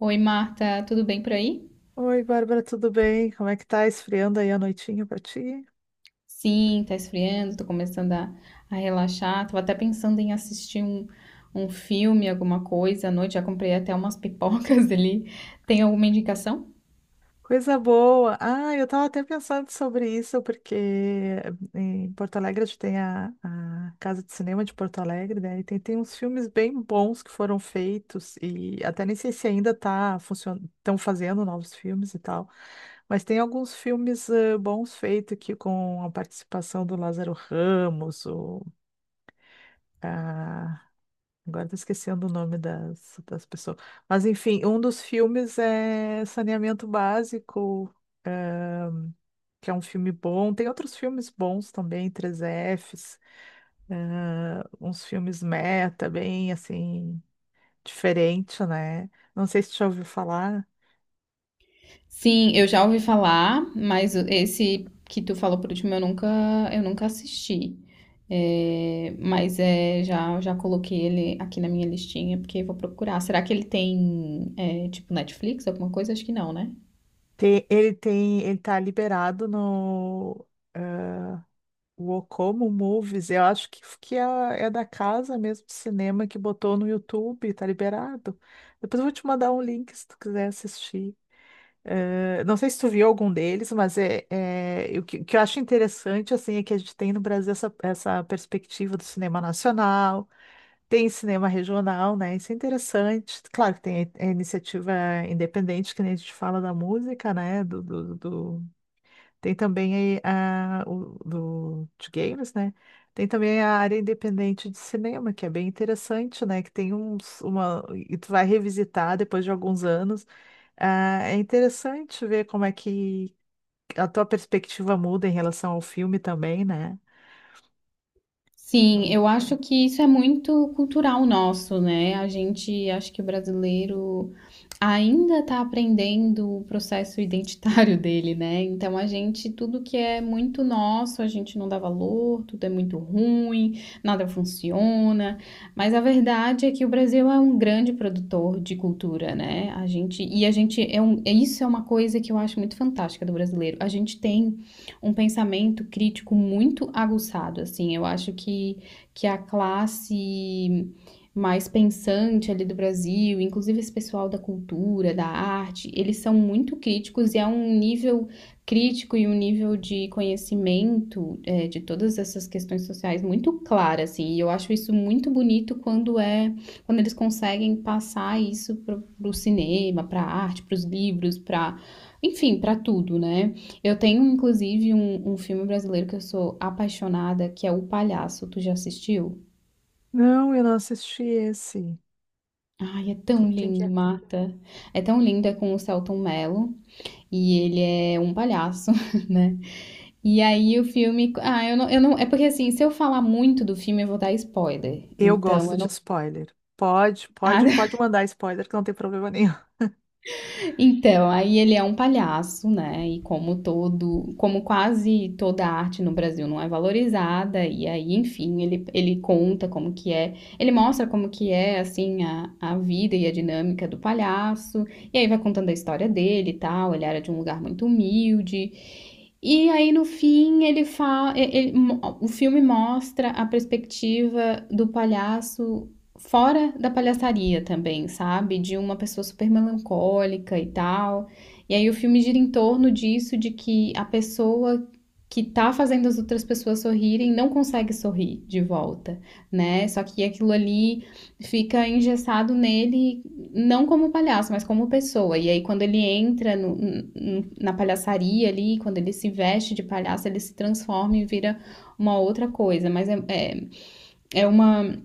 Oi, Marta, tudo bem por aí? Oi, Bárbara, tudo bem? Como é que tá esfriando aí a noitinha pra ti? Sim, tá esfriando, tô começando a relaxar. Tava até pensando em assistir um filme, alguma coisa à noite. Já comprei até umas pipocas ali. Tem alguma indicação? Coisa boa! Ah, eu tava até pensando sobre isso, porque em Porto Alegre a gente tem a Casa de Cinema de Porto Alegre, né? E tem uns filmes bem bons que foram feitos, e até nem sei se ainda tá funcionando, estão fazendo novos filmes e tal, mas tem alguns filmes bons feitos aqui com a participação do Lázaro Ramos, agora tô esquecendo o nome das pessoas. Mas enfim, um dos filmes é Saneamento Básico, é, que é um filme bom. Tem outros filmes bons também, três fs uns filmes meta, bem assim, diferente, né? Não sei se tu já ouviu falar. Sim, eu já ouvi falar, mas esse que tu falou por último eu nunca assisti. É, mas é, já coloquei ele aqui na minha listinha porque eu vou procurar. Será que ele tem, é, tipo, Netflix, alguma coisa? Acho que não, né? Ele tem, ele tá liberado no. é, O Ocomo Movies, eu acho que é, é da casa mesmo de cinema que botou no YouTube, tá liberado. Depois eu vou te mandar um link se tu quiser assistir. Não sei se tu viu algum deles, mas o que eu acho interessante assim é que a gente tem no Brasil essa perspectiva do cinema nacional, tem cinema regional, né? Isso é interessante. Claro que tem a iniciativa independente, que nem a gente fala da música, né? Tem também aí de games, né? Tem também a área independente de cinema, que é bem interessante, né? Que tem e tu vai revisitar depois de alguns anos. Ah, é interessante ver como é que a tua perspectiva muda em relação ao filme também, né? Sim, Não, eu acho que isso é muito cultural nosso, né? A gente, acho que o brasileiro ainda está aprendendo o processo identitário dele, né? Então a gente, tudo que é muito nosso, a gente não dá valor, tudo é muito ruim, nada funciona. Mas a verdade é que o Brasil é um grande produtor de cultura, né? A gente, e a gente é um, isso é uma coisa que eu acho muito fantástica do brasileiro. A gente tem um pensamento crítico muito aguçado, assim. Eu acho que a classe mais pensante ali do Brasil, inclusive esse pessoal da cultura, da arte, eles são muito críticos e é um nível crítico e um nível de conhecimento é, de todas essas questões sociais muito claro, assim. E eu acho isso muito bonito quando eles conseguem passar isso para o cinema, para a arte, para os livros, para enfim, para tudo, né? Eu tenho, inclusive, um filme brasileiro que eu sou apaixonada, que é O Palhaço. Tu já assistiu? Não, eu não assisti esse. Ai, é Com tão quem que lindo, é? Marta. É tão lindo, é com o Selton Mello. E ele é um palhaço, né? E aí o filme. Ah, eu não. É porque assim, se eu falar muito do filme, eu vou dar spoiler. Eu Então, gosto eu de não. spoiler. Pode, pode, pode mandar spoiler, que não tem problema nenhum. Então, aí ele é um palhaço, né? E como todo, como quase toda arte no Brasil não é valorizada, e aí, enfim, ele conta como que é, ele mostra como que é, assim, a vida e a dinâmica do palhaço, e aí vai contando a história dele e tal, ele era de um lugar muito humilde, e aí no fim ele fala, o filme mostra a perspectiva do palhaço fora da palhaçaria também, sabe? De uma pessoa super melancólica e tal. E aí o filme gira em torno disso, de que a pessoa que tá fazendo as outras pessoas sorrirem não consegue sorrir de volta, né? Só que aquilo ali fica engessado nele não como palhaço, mas como pessoa. E aí, quando ele entra na palhaçaria ali, quando ele se veste de palhaço, ele se transforma e vira uma outra coisa. Mas é uma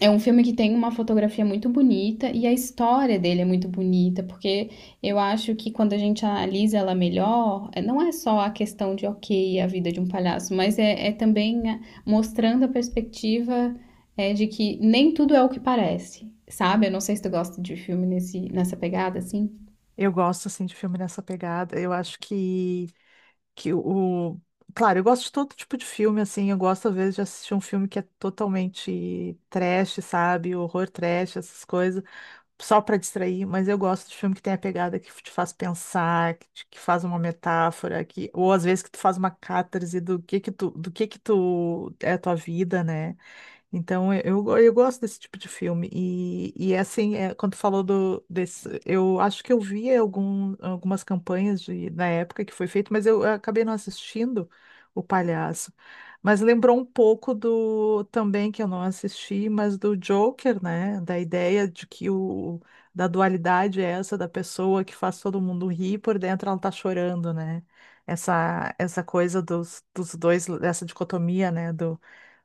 é um filme que tem uma fotografia muito bonita e a história dele é muito bonita, porque eu acho que quando a gente analisa ela melhor, não é só a questão de, ok, a vida de um palhaço, mas é também mostrando a perspectiva de que nem tudo é o que parece, sabe? Eu não sei se tu gosta de filme nesse, nessa pegada, assim. Eu gosto, assim, de filme nessa pegada. Eu acho que o... Claro, eu gosto de todo tipo de filme, assim, eu gosto às vezes de assistir um filme que é totalmente trash, sabe? Horror trash, essas coisas, só pra distrair, mas eu gosto de filme que tem a pegada que te faz pensar, que faz uma metáfora, que... ou às vezes que tu faz uma catarse do que tu, do que tu é a tua vida, né? Então, eu gosto desse tipo de filme. E é assim, é, quando tu falou desse, eu acho que eu vi algumas campanhas de, na época que foi feito, mas eu acabei não assistindo O Palhaço. Mas lembrou um pouco do, também, que eu não assisti, mas do Joker, né? Da ideia de da dualidade é essa, da pessoa que faz todo mundo rir, por dentro ela tá chorando, né? Essa coisa dos dois, essa dicotomia, né?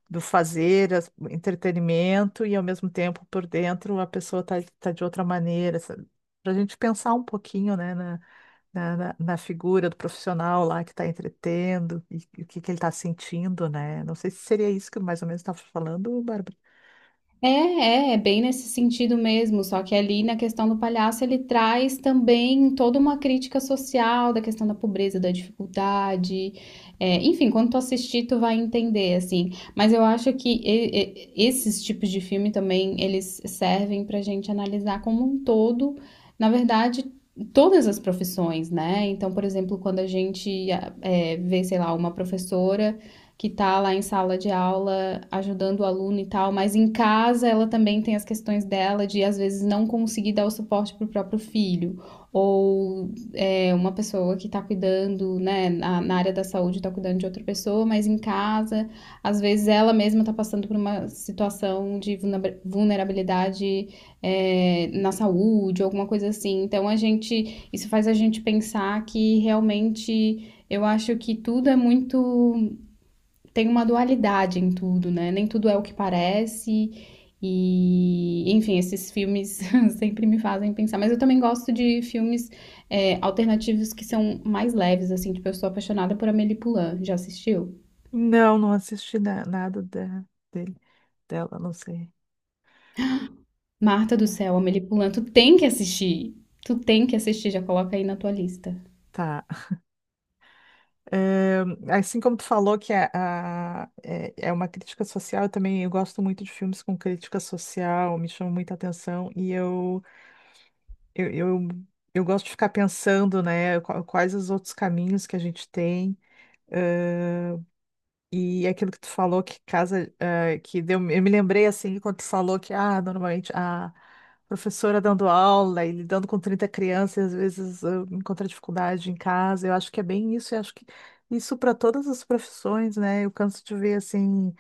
do fazer, entretenimento, e ao mesmo tempo por dentro a pessoa tá de outra maneira. Para a gente pensar um pouquinho, né, na figura do profissional lá que está entretendo e o que ele está sentindo, né? Não sei se seria isso que mais ou menos estava falando, Bárbara. É bem nesse sentido mesmo, só que ali na questão do palhaço ele traz também toda uma crítica social da questão da pobreza, da dificuldade, é, enfim, quando tu assistir tu vai entender, assim, mas eu acho que esses tipos de filme também, eles servem pra gente analisar como um todo, na verdade, todas as profissões, né, então, por exemplo, quando a gente ah, é, vê, sei lá, uma professora que tá lá em sala de aula ajudando o aluno e tal, mas em casa ela também tem as questões dela de às vezes não conseguir dar o suporte pro próprio filho, ou é, uma pessoa que tá cuidando, né, na área da saúde tá cuidando de outra pessoa, mas em casa, às vezes ela mesma tá passando por uma situação de vulnerabilidade é, na saúde, alguma coisa assim. Então a gente, isso faz a gente pensar que realmente eu acho que tudo é muito tem uma dualidade em tudo, né? Nem tudo é o que parece. E, enfim, esses filmes sempre me fazem pensar. Mas eu também gosto de filmes é, alternativos que são mais leves, assim. Tipo, eu sou apaixonada por Amélie Poulain. Já assistiu? Nada dele, dela, não sei. Marta do Céu, Amélie Poulain. Tu tem que assistir. Tu tem que assistir. Já coloca aí na tua lista. Tá. Eh, assim como tu falou que é, é uma crítica social, eu também eu gosto muito de filmes com crítica social, me chama muita atenção e eu Eu, eu, eu gosto de ficar pensando, né, quais os outros caminhos que a gente tem. ãh, e aquilo que tu falou que casa, que deu, eu me lembrei assim, quando tu falou que, ah, normalmente a professora dando aula e lidando com 30 crianças, às vezes encontra dificuldade em casa. Eu acho que é bem isso, eu acho que isso para todas as profissões, né? Eu canso de ver assim,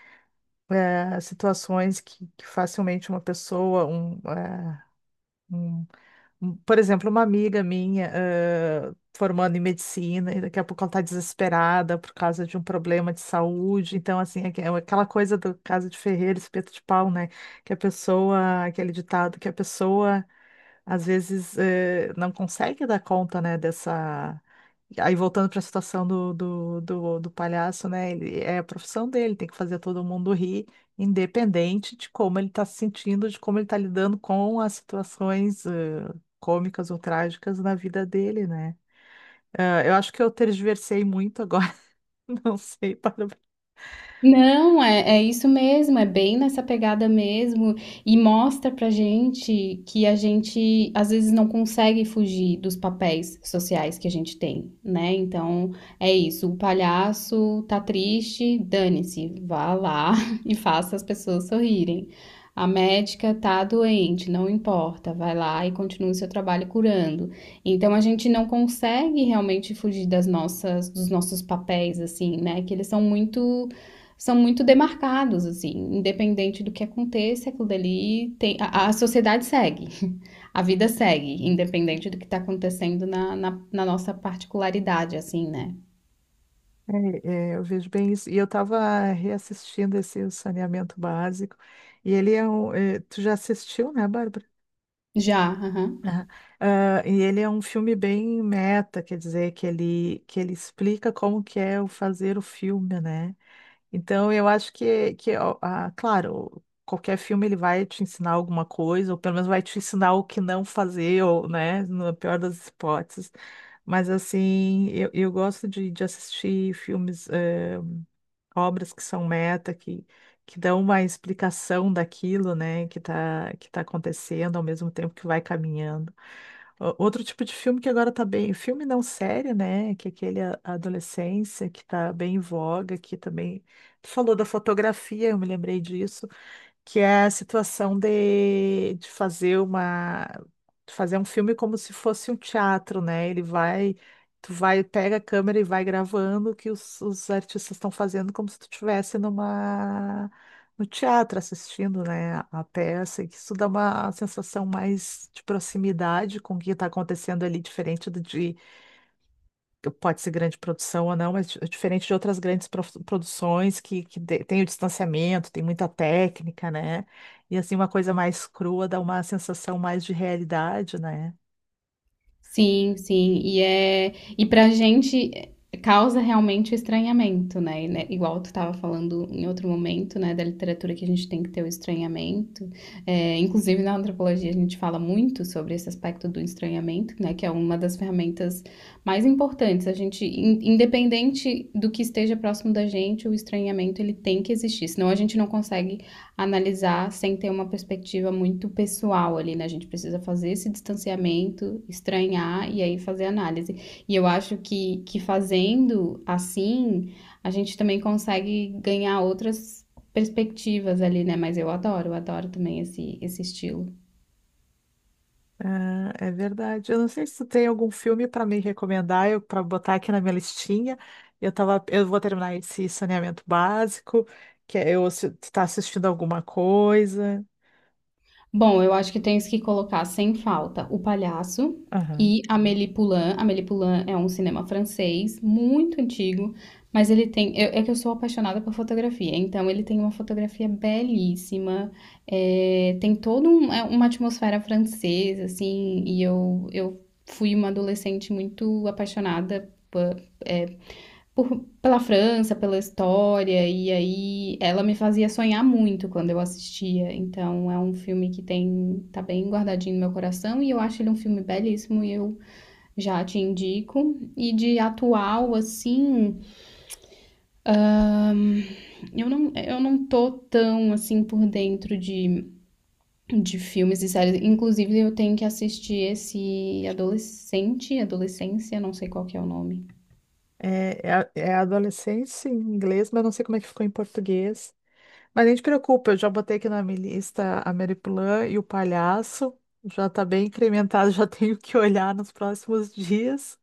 situações que facilmente uma pessoa, um, por exemplo, uma amiga minha, formando em medicina, e daqui a pouco ela está desesperada por causa de um problema de saúde. Então, assim, aquela coisa do caso de Ferreira, espeto de pau, né? Que a pessoa, aquele ditado, que a pessoa às vezes não consegue dar conta, né, dessa. Aí voltando para a situação do palhaço, né? Ele, é a profissão dele, tem que fazer todo mundo rir, independente de como ele está se sentindo, de como ele está lidando com as situações cômicas ou trágicas na vida dele, né? Ah, eu acho que eu tergiversei muito agora, não sei, para... Não, é, é isso mesmo, é bem nessa pegada mesmo, e mostra pra gente que a gente às vezes não consegue fugir dos papéis sociais que a gente tem, né? Então é isso, o palhaço tá triste, dane-se, vá lá e faça as pessoas sorrirem. A médica tá doente, não importa, vai lá e continue seu trabalho curando. Então a gente não consegue realmente fugir das nossas, dos nossos papéis, assim, né? Que eles são muito demarcados, assim, independente do que aconteça, aquilo dali tem, a sociedade segue, a vida segue, independente do que está acontecendo na nossa particularidade, assim, né? É, é, eu vejo bem isso. E eu estava reassistindo esse O Saneamento Básico, e ele é um. Tu já assistiu, né, Bárbara? Já, aham. Aham. Ah, e ele é um filme bem meta, quer dizer, que ele explica como que é o fazer o filme, né? Então, eu acho que ó, ah, claro, qualquer filme ele vai te ensinar alguma coisa, ou pelo menos vai te ensinar o que não fazer, ou, né, na pior das hipóteses. Mas, assim, eu gosto de assistir filmes, obras que são meta, que dão uma explicação daquilo, né, que tá acontecendo ao mesmo tempo que vai caminhando. Outro tipo de filme que agora tá bem, filme não série, né? Que é aquele a adolescência que tá bem em voga, que também. Tu falou da fotografia, eu me lembrei disso que é a situação de fazer uma de fazer um filme como se fosse um teatro, né? Tu vai, pega a câmera e vai gravando o que os artistas estão fazendo como se tu estivesse numa no teatro assistindo, né, a peça, e que isso dá uma sensação mais de proximidade com o que está acontecendo ali, diferente do de pode ser grande produção ou não, mas diferente de outras grandes produções que tem o distanciamento, tem muita técnica, né? E assim, uma coisa mais crua dá uma sensação mais de realidade, né? Sim, sim. E pra gente é, causa realmente o estranhamento, né? E, né, igual tu estava falando em outro momento, né, da literatura que a gente tem que ter o estranhamento. É, inclusive na antropologia a gente fala muito sobre esse aspecto do estranhamento, né, que é uma das ferramentas mais importantes. A gente, independente do que esteja próximo da gente, o estranhamento ele tem que existir, senão a gente não consegue analisar sem ter uma perspectiva muito pessoal ali, né? A gente precisa fazer esse distanciamento, estranhar e aí fazer análise. E eu acho que fazendo assim, a gente também consegue ganhar outras perspectivas ali, né? Mas eu adoro também esse estilo. Ah, é verdade. Eu não sei se tu tem algum filme para me recomendar, eu para botar aqui na minha listinha. Eu vou terminar esse saneamento básico, que é eu se tu tá assistindo alguma coisa. Bom, eu acho que tens que colocar sem falta O Palhaço Aham. e Amélie Poulain. Amélie Poulain é um cinema francês muito antigo, mas ele tem. É que eu sou apaixonada por fotografia, então ele tem uma fotografia belíssima, é, tem toda é uma atmosfera francesa, assim, e eu fui uma adolescente muito apaixonada pela França, pela história, e aí ela me fazia sonhar muito quando eu assistia. Então é um filme que tem, tá bem guardadinho no meu coração e eu acho ele um filme belíssimo e eu já te indico. E de atual, assim, ahn, eu não tô tão assim por dentro de filmes e séries. Inclusive, eu tenho que assistir esse Adolescência, não sei qual que é o nome. É, é, é adolescência em inglês, mas eu não sei como é que ficou em português. Mas nem te preocupa, eu já botei aqui na minha lista a Mary Plan e o Palhaço. Já tá bem incrementado, já tenho que olhar nos próximos dias.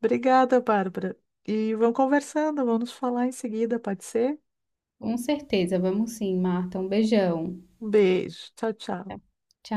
Obrigada, Bárbara. E vamos conversando, vamos falar em seguida, pode ser? Com certeza, vamos sim, Marta. Um beijão. Um beijo. Tchau, tchau. Tchau.